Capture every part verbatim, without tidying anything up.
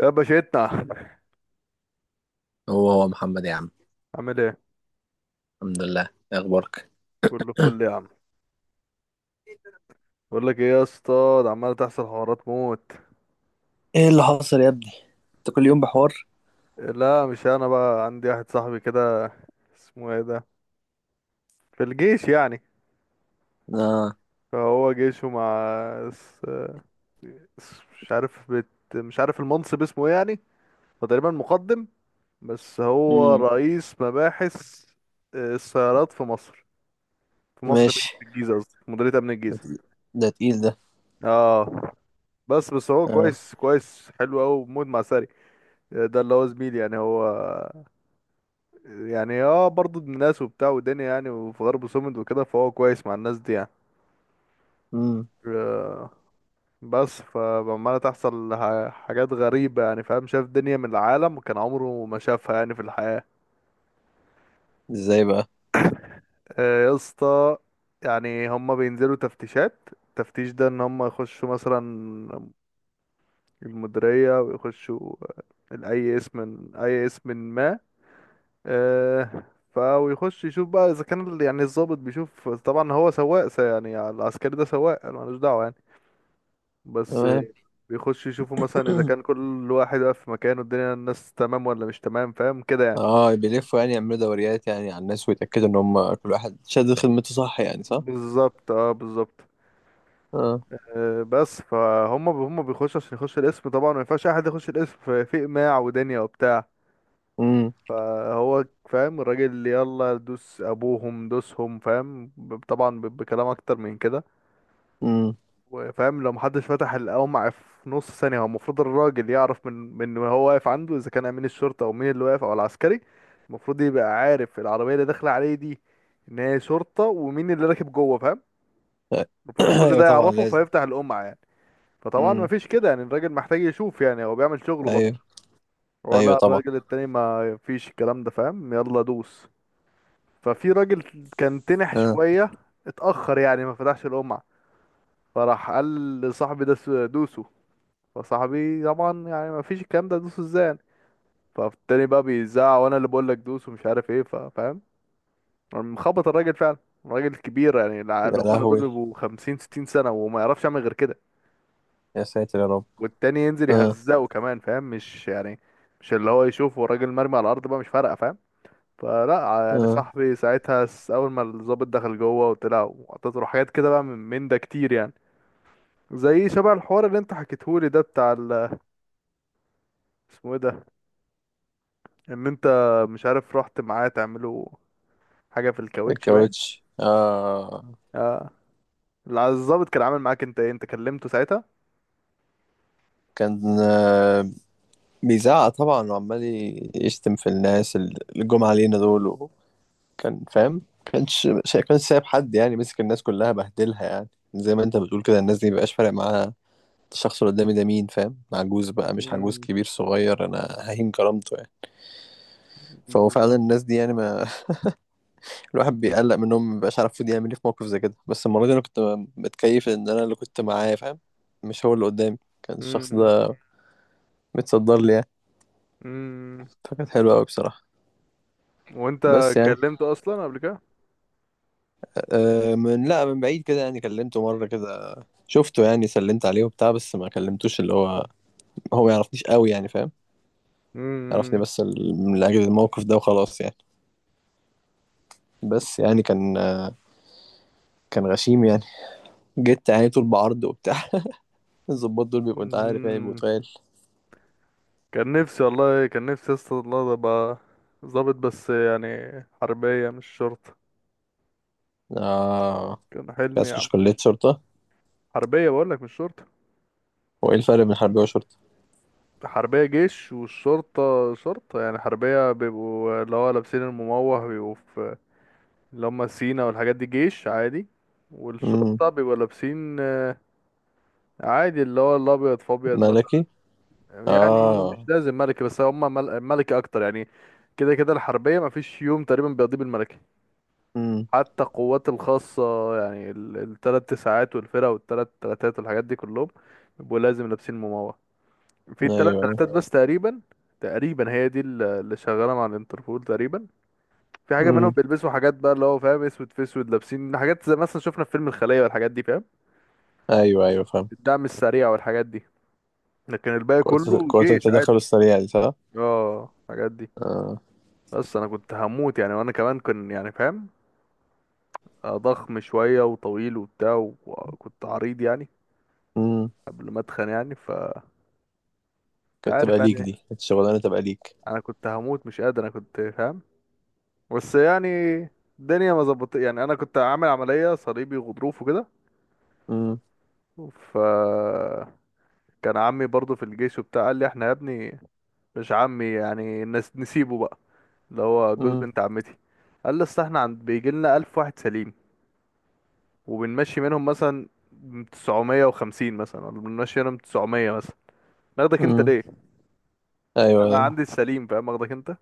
يا باشتنا، هو هو محمد يا عم. عامل ايه؟ الحمد لله. إيه اخبارك؟ كله فل يا عم. بقول لك ايه يا اسطى، ده عمال تحصل حوارات موت. ايه اللي حصل يا ابني؟ انت كل يوم بحوار. لا مش انا، بقى عندي واحد صاحبي كده، اسمه ايه ده، في الجيش يعني. اه. فهو جيشه مع اس... اس... مش عارف بت... مش عارف المنصب اسمه ايه يعني. هو تقريبا مقدم، بس هو امم. رئيس مباحث. آه، السيارات في مصر، في مصر مين، ماشي. في الجيزة، قصدي في مديرية امن ده الجيزة. تقيل. ده, تقيل ده. اه. بس بس هو اه. كويس كويس، حلو قوي موت مع ساري. ده اللي هو زميلي يعني، هو يعني اه برضه ابن ناس وبتاع ودنيا يعني، وفي غرب سومد وكده، فهو كويس مع الناس دي يعني. امم. آه، بس فعمالة تحصل ح- حاجات غريبة يعني، فاهم؟ شاف دنيا من العالم كان عمره ما شافها يعني في الحياة. ازاي بقى؟ آه، يا اسطى، يعني هما بينزلوا تفتيشات. التفتيش ده ان هما يخشوا مثلا المديرية ويخشوا آه، اي اسم اي اسم ما. آه، فيخش يشوف بقى اذا كان ال- يعني الضابط بيشوف. طبعا هو سواق س- يعني العسكري ده سواق، أنا ملوش دعوه يعني، بس آه، تمام. بيخش يشوفوا مثلا اذا كان كل واحد واقف في مكانه، الدنيا الناس تمام ولا مش تمام، فاهم كده يعني؟ اه، بيلفوا يعني يعملوا دوريات يعني على الناس ويتأكدوا ان هم كل واحد شاد خدمته صح، يعني صح. بالظبط، اه بالظبط. اه. آه، بس فهم هم بيخشوا عشان يخش القسم. طبعا ما ينفعش اي حد يخش القسم في في اقماع ودنيا وبتاع. امم. فهو فاهم الراجل اللي يلا دوس، ابوهم دوسهم، فاهم؟ ب- طبعا ب- بكلام اكتر من كده. امم. وفاهم لو محدش فتح القمع في نص ثانية، هو المفروض الراجل يعرف من من هو واقف عنده، إذا كان أمين الشرطة أو مين اللي واقف أو العسكري. المفروض يبقى عارف العربية اللي داخلة عليه دي إن هي شرطة، ومين اللي راكب جوه، فاهم؟ المفروض كل ايوه ده طبعا يعرفه لازم. فيفتح القمع يعني. فطبعا امم. مفيش كده يعني، الراجل محتاج يشوف يعني، هو بيعمل شغله برضه. ايوه هو ايوه لا، طبعا. الراجل التاني ما فيش الكلام ده، فاهم؟ يلا دوس. ففي راجل كان تنح اه. شوية، اتأخر يعني، ما فتحش القمع. فراح قال لصاحبي ده س- دوسه. فصاحبي طبعا يعني ما فيش الكلام ده، دوس ازاي؟ فالتاني بقى بيزعق، وانا اللي بقول لك دوس ومش عارف ايه، ف- فاهم؟ مخبط الراجل فعلا. الراجل كبير يعني، الع- يا اللي هم دول لهوي، بيبقوا خمسين ستين سنة وما يعرفش يعمل غير كده. يا ساتر يا رب. والتاني ينزل اه. يهزقه كمان، فاهم؟ مش يعني مش اللي هو يشوفه الراجل مرمي على الارض بقى، مش فارقة، فاهم؟ فلا يعني، اه. صاحبي ساعتها س- اول ما الضابط دخل جوه وطلع وعطيته له حاجات كده بقى، من من ده كتير يعني، زي شبه الحوار اللي انت حكيتهولي ده بتاع ال- اسمه ايه ده، ان انت مش عارف رحت معاه تعملوا حاجه في الكاوتش، باين. الكاوتش اه. اه. الع- الظابط كان عامل معاك انت ايه؟ انت كلمته ساعتها؟ كان آه، بيزعق طبعا وعمال ي- يشتم في الناس اللي جم علينا دول، وكان فاهم، كانش شا- كانش سايب حد يعني، مسك الناس كلها بهدلها يعني. زي ما انت بتقول كده، الناس دي مبقاش فارق معاها الشخص اللي قدامي ده مين، فاهم؟ عجوز بقى مش عجوز، امم، كبير صغير، انا ههين كرامته يعني. فهو فعلا بالظبط. الناس دي يعني ما... الواحد بيقلق منهم، مبقاش عارف المفروض يعمل ايه في موقف زي كده. بس المرة دي انا كنت متكيف ان انا اللي كنت معاه، فاهم؟ مش هو اللي قدامي، كان الشخص امم، ده متصدر لي يعني. امم. فكانت حلوة قوي بصراحة. وانت بس يعني كلمته اصلا قبل كده؟ آه، من لا من بعيد كده يعني، كلمته مرة كده، شفته يعني، سلمت عليه وبتاع، بس ما كلمتوش اللي هو. هو ما يعرفنيش قوي يعني، فاهم؟ يعرفني امم، بس ال- من أجل الموقف ده وخلاص يعني. بس يعني كان آه، كان غشيم يعني، جيت يعني طول بعرض وبتاع. الظباط دول بيبقوا، انت عارف يعني، بيبقوا امم. تقال. كان نفسي والله، كان نفسي اصلا الله ابقى ظابط، بس يعني حربيه مش شرطه. اه. كان عايز حلمي يا تخش عم. كلية شرطة؟ حربيه بقول لك مش شرطه. وايه الفرق بين حربية وشرطة؟ حربية جيش، والشرطة شرطة. يعني حربية بيبقوا اللي هو لابسين المموه، بيبقوا في اللي هم سينا والحاجات دي، جيش عادي. امم. والشرطة بيبقوا لابسين آه، عادي اللي هو الأبيض في أبيض مثلا. ملكي. يعني مش اه. لازم ملكي، بس هم مل- ملكي أكتر يعني. كده كده الحربية مفيش يوم تقريبا بيقضيه بالملكي. امم. حتى القوات الخاصة، يعني ال- التلات تسعات والفرق والتلات تلاتات والحاجات دي كلهم بيبقوا لازم لابسين مموه. في ايوه التلات ايوه. تلاتات بس تقريبا، تقريبا هي دي اللي اللي شغالة مع الانتربول تقريبا. في حاجه منهم امم. بيلبسوا حاجات بقى، اللي هو فاهم اسود في اسود، لابسين حاجات زي مثلا شفنا في فيلم الخليه والحاجات دي، فاهم؟ ايوه ايوه فاهم. الدعم السريع والحاجات دي. لكن الباقي قوة كله قوة جيش عادي. التدخل السريع دي صح؟ اه الحاجات دي. اه. بس انا كنت هموت يعني، وانا كمان كان يعني فاهم آه، ضخم شويه وطويل وبتاع، وكنت عريض يعني قبل ما اتخن يعني، ف انت كانت عارف تبقى يعني ليك دي، إيه. كانت الشغلانة تبقى ليك. انا كنت هموت، مش قادر، انا كنت فاهم. بس يعني الدنيا ما ظبطت يعني، انا كنت عامل عمليه صليبي وغضروف وكده. امم. ف كان عمي برضو في الجيش وبتاع، قال لي احنا يا ابني، مش عمي يعني، نس نسيبه بقى، اللي هو جوز امم. بنت عمتي. قال لي اصل احنا عند بيجي لنا ألف واحد سليم، وبنمشي منهم مثلا تسعمية وخمسين مثلا، ولا بنمشي منهم تسعمية مثلا، ناخدك انت امم. ليه؟ ايوه انا ايوه. عندي السليم، فاهم؟ اخدك انت.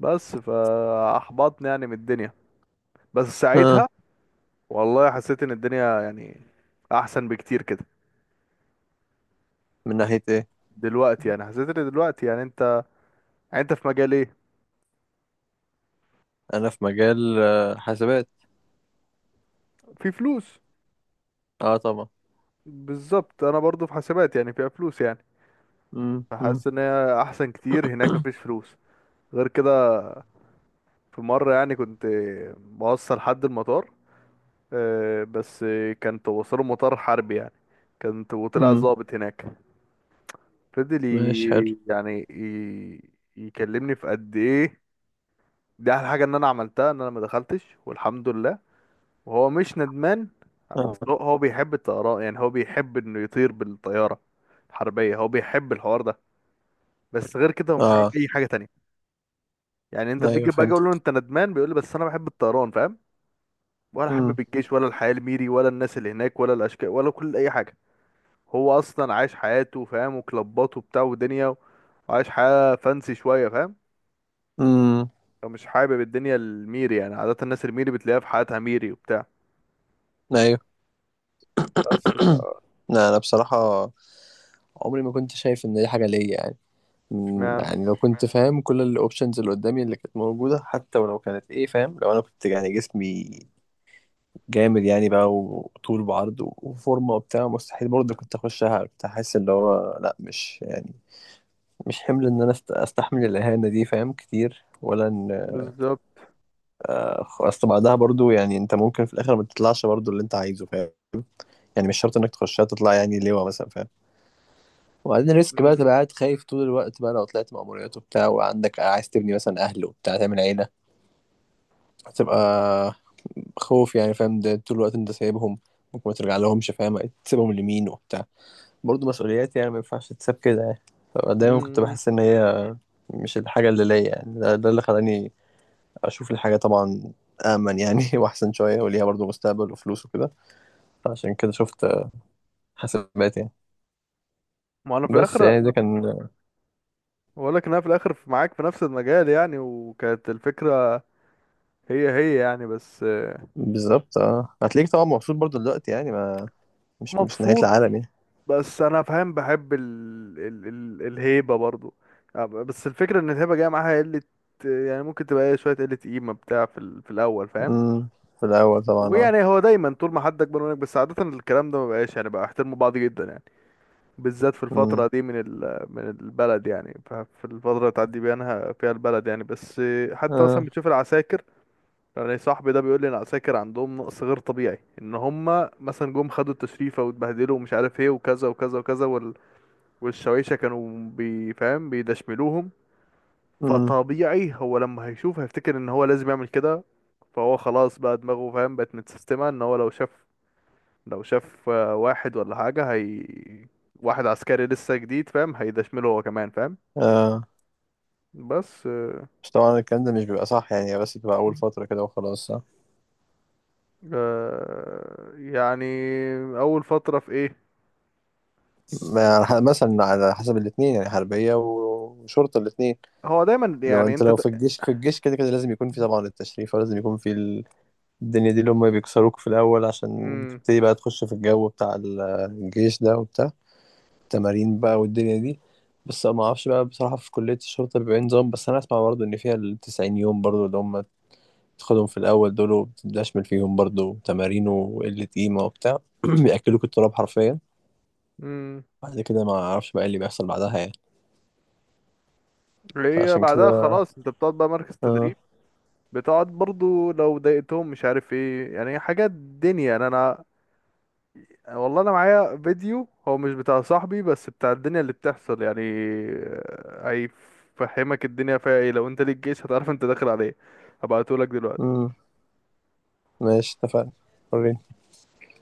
بس فاحبطني يعني من الدنيا، بس ها. ساعتها والله حسيت ان الدنيا يعني احسن بكتير كده من ناحية ايه؟ دلوقتي. يعني حسيت ان دلوقتي يعني انت، يعني انت في مجال ايه؟ انا في مجال آه، حاسبات. في فلوس. اه طبعا. بالظبط، انا برضو في حاسبات يعني، فيها فلوس يعني. امم. امم. فحاسس ان هي احسن كتير، هناك مفيش فلوس. غير كده، في مرة يعني كنت بوصل حد المطار، آه، بس كنت بوصله مطار حربي يعني، كنت وطلع امم. ضابط هناك. فضل ماشي حلو. ي- يعني ي- يكلمني في قد ايه. دي احلى حاجة ان انا عملتها ان انا ما دخلتش والحمد لله. وهو مش ندمان، بس اه. هو هو بيحب الطيران يعني، هو بيحب انه يطير بالطيارة الحربية، هو بيحب الحوار ده. بس غير كده هو مش عامل اه. اي حاجه تانية. يعني انت ايوه بيجي باجي فهمت. اقول له انت ندمان، بيقول لي بس انا بحب الطيران، فاهم؟ ولا امم. حابب الجيش، ولا الحياه الميري، ولا الناس اللي هناك، ولا الاشكال، ولا كل اي حاجه. هو اصلا عايش حياته، فاهم؟ وكلباته وبتاع ودنيا، وعايش حياه فانسي شويه، فاهم؟ امم. هو مش حابب الدنيا الميري يعني، عاده الناس الميري بتلاقيها في حياتها ميري وبتاع. ايوه. بس ف لا انا بصراحة عمري ما كنت شايف ان دي حاجة ليا يعني. مم، اشمعنى؟ يعني لو كنت فاهم كل الاوبشنز اللي قدامي اللي كانت موجودة، حتى ولو كانت ايه، فاهم؟ لو انا كنت يعني جسمي جامد يعني بقى، وطول وعرض وفورمه وبتاع، مستحيل برضه كنت اخشها. كنت احس اللي هو لا، مش يعني مش حمل ان انا است- استحمل الاهانه دي، فاهم؟ كتير. ولا ان بالظبط. أخ- اصل بعدها برضه يعني انت ممكن في الاخر ما تطلعش برضه اللي انت عايزه، فاهم؟ يعني مش شرط انك تخشها تطلع يعني لواء مثلا، فاهم؟ وبعدين ريسك بقى، مم. تبقى قاعد خايف طول الوقت بقى، لو طلعت مأموريات وبتاع، وعندك عايز تبني مثلا اهل وبتاع تعمل عيله. هتبقى خوف يعني، فاهم؟ ده طول الوقت انت سايبهم، ممكن ما ترجع لهمش، فاهم؟ تسيبهم لمين وبتاع، برضه مسؤوليات يعني، ما ينفعش تتساب كده يعني. فدايما كنت مم. بحس ان هي مش الحاجه اللي ليا يعني. ده, ده اللي خلاني اشوف الحاجه طبعا امن يعني، واحسن شويه وليها برضه مستقبل وفلوس وكده. عشان كده شفت حسابات يعني. ما انا في بس الاخر يعني ده كان... بقول لك ان انا في الاخر في- معاك في نفس المجال يعني، وكانت الفكره هي هي يعني. بس بالظبط اه. هتلاقيك طبعا مبسوط برضه دلوقتي يعني، ما مش مش نهايه مبسوط. العالم يعني. بس انا فاهم بحب ال... ال... ال... الهيبه برضو يعني. بس الفكره ان الهيبه جايه معاها قله يعني، ممكن تبقى إيه شويه قله قيمه بتاع في، ال... في الاول، فاهم؟ امم. في الاول طبعا اه. ويعني هو دايما طول ما حد اكبر منك، بس عاده الكلام ده ما بقاش يعني، بقى احترموا بعض جدا يعني، بالذات في الفتره امم. دي من ال... من البلد يعني، ف- في الفتره اللي تعدي بينها فيها البلد يعني. بس آه، حتى مثلا اه. بتشوف العساكر، يعني صاحبي ده بيقول لي ان العساكر عندهم نقص غير طبيعي، ان هم مثلا جم خدوا التشريفه واتبهدلوا ومش عارف ايه، وكذا وكذا وكذا، والشوايشة كانوا بيفهم بيدشملوهم. امم. فطبيعي هو لما هيشوف هيفتكر ان هو لازم يعمل كده. فهو خلاص بقى دماغه فاهم بقت متسيستمة، ان هو لو شاف، لو شاف آه، واحد ولا حاجة، هي واحد عسكري لسه جديد، فاهم؟ هيدشمله هو كمان، فاهم؟ اه. بس بس طبعا الكلام ده مش بيبقى صح يعني، بس بتبقى اول فتره كده وخلاص صح. آه يعني. اول فترة في ايه؟ ما- يعني ح- مثلا على حسب الاثنين يعني، حربية وشرطة الاثنين، هو دايما لو يعني انت انت لو د... في الجيش، في الجيش كده كده لازم يكون في طبعا التشريف، ولازم يكون في ال- الدنيا دي اللي هم بيكسروك في الأول، عشان مم. بتبتدي بقى تخش في الجو بتاع ال- الجيش ده وبتاع، التمارين بقى والدنيا دي. بس ما اعرفش بقى بصراحة في كلية الشرطة بيبقى إيه نظام، بس انا اسمع برضه ان فيها التسعين يوم برضه اللي هم تاخدهم في الأول دول، وبتدشمل فيهم برضه تمارين وقلة قيمة وبتاع. بيأكلوك التراب حرفيا. مم. بعد كده ما اعرفش بقى إيه اللي بيحصل بعدها يعني. هي فعشان بعدها كده خلاص انت بتقعد بقى مركز اه. تدريب. بتقعد برضو لو ضايقتهم مش عارف ايه يعني حاجات دنيا يعني، انا والله انا معايا فيديو، هو مش بتاع صاحبي بس بتاع الدنيا اللي بتحصل يعني. آه، هيفهمك الدنيا فيها ايه. لو انت ليك جيش هتعرف انت داخل عليه. هبعتهولك دلوقتي. امم. ماشي اتفقنا. وريني.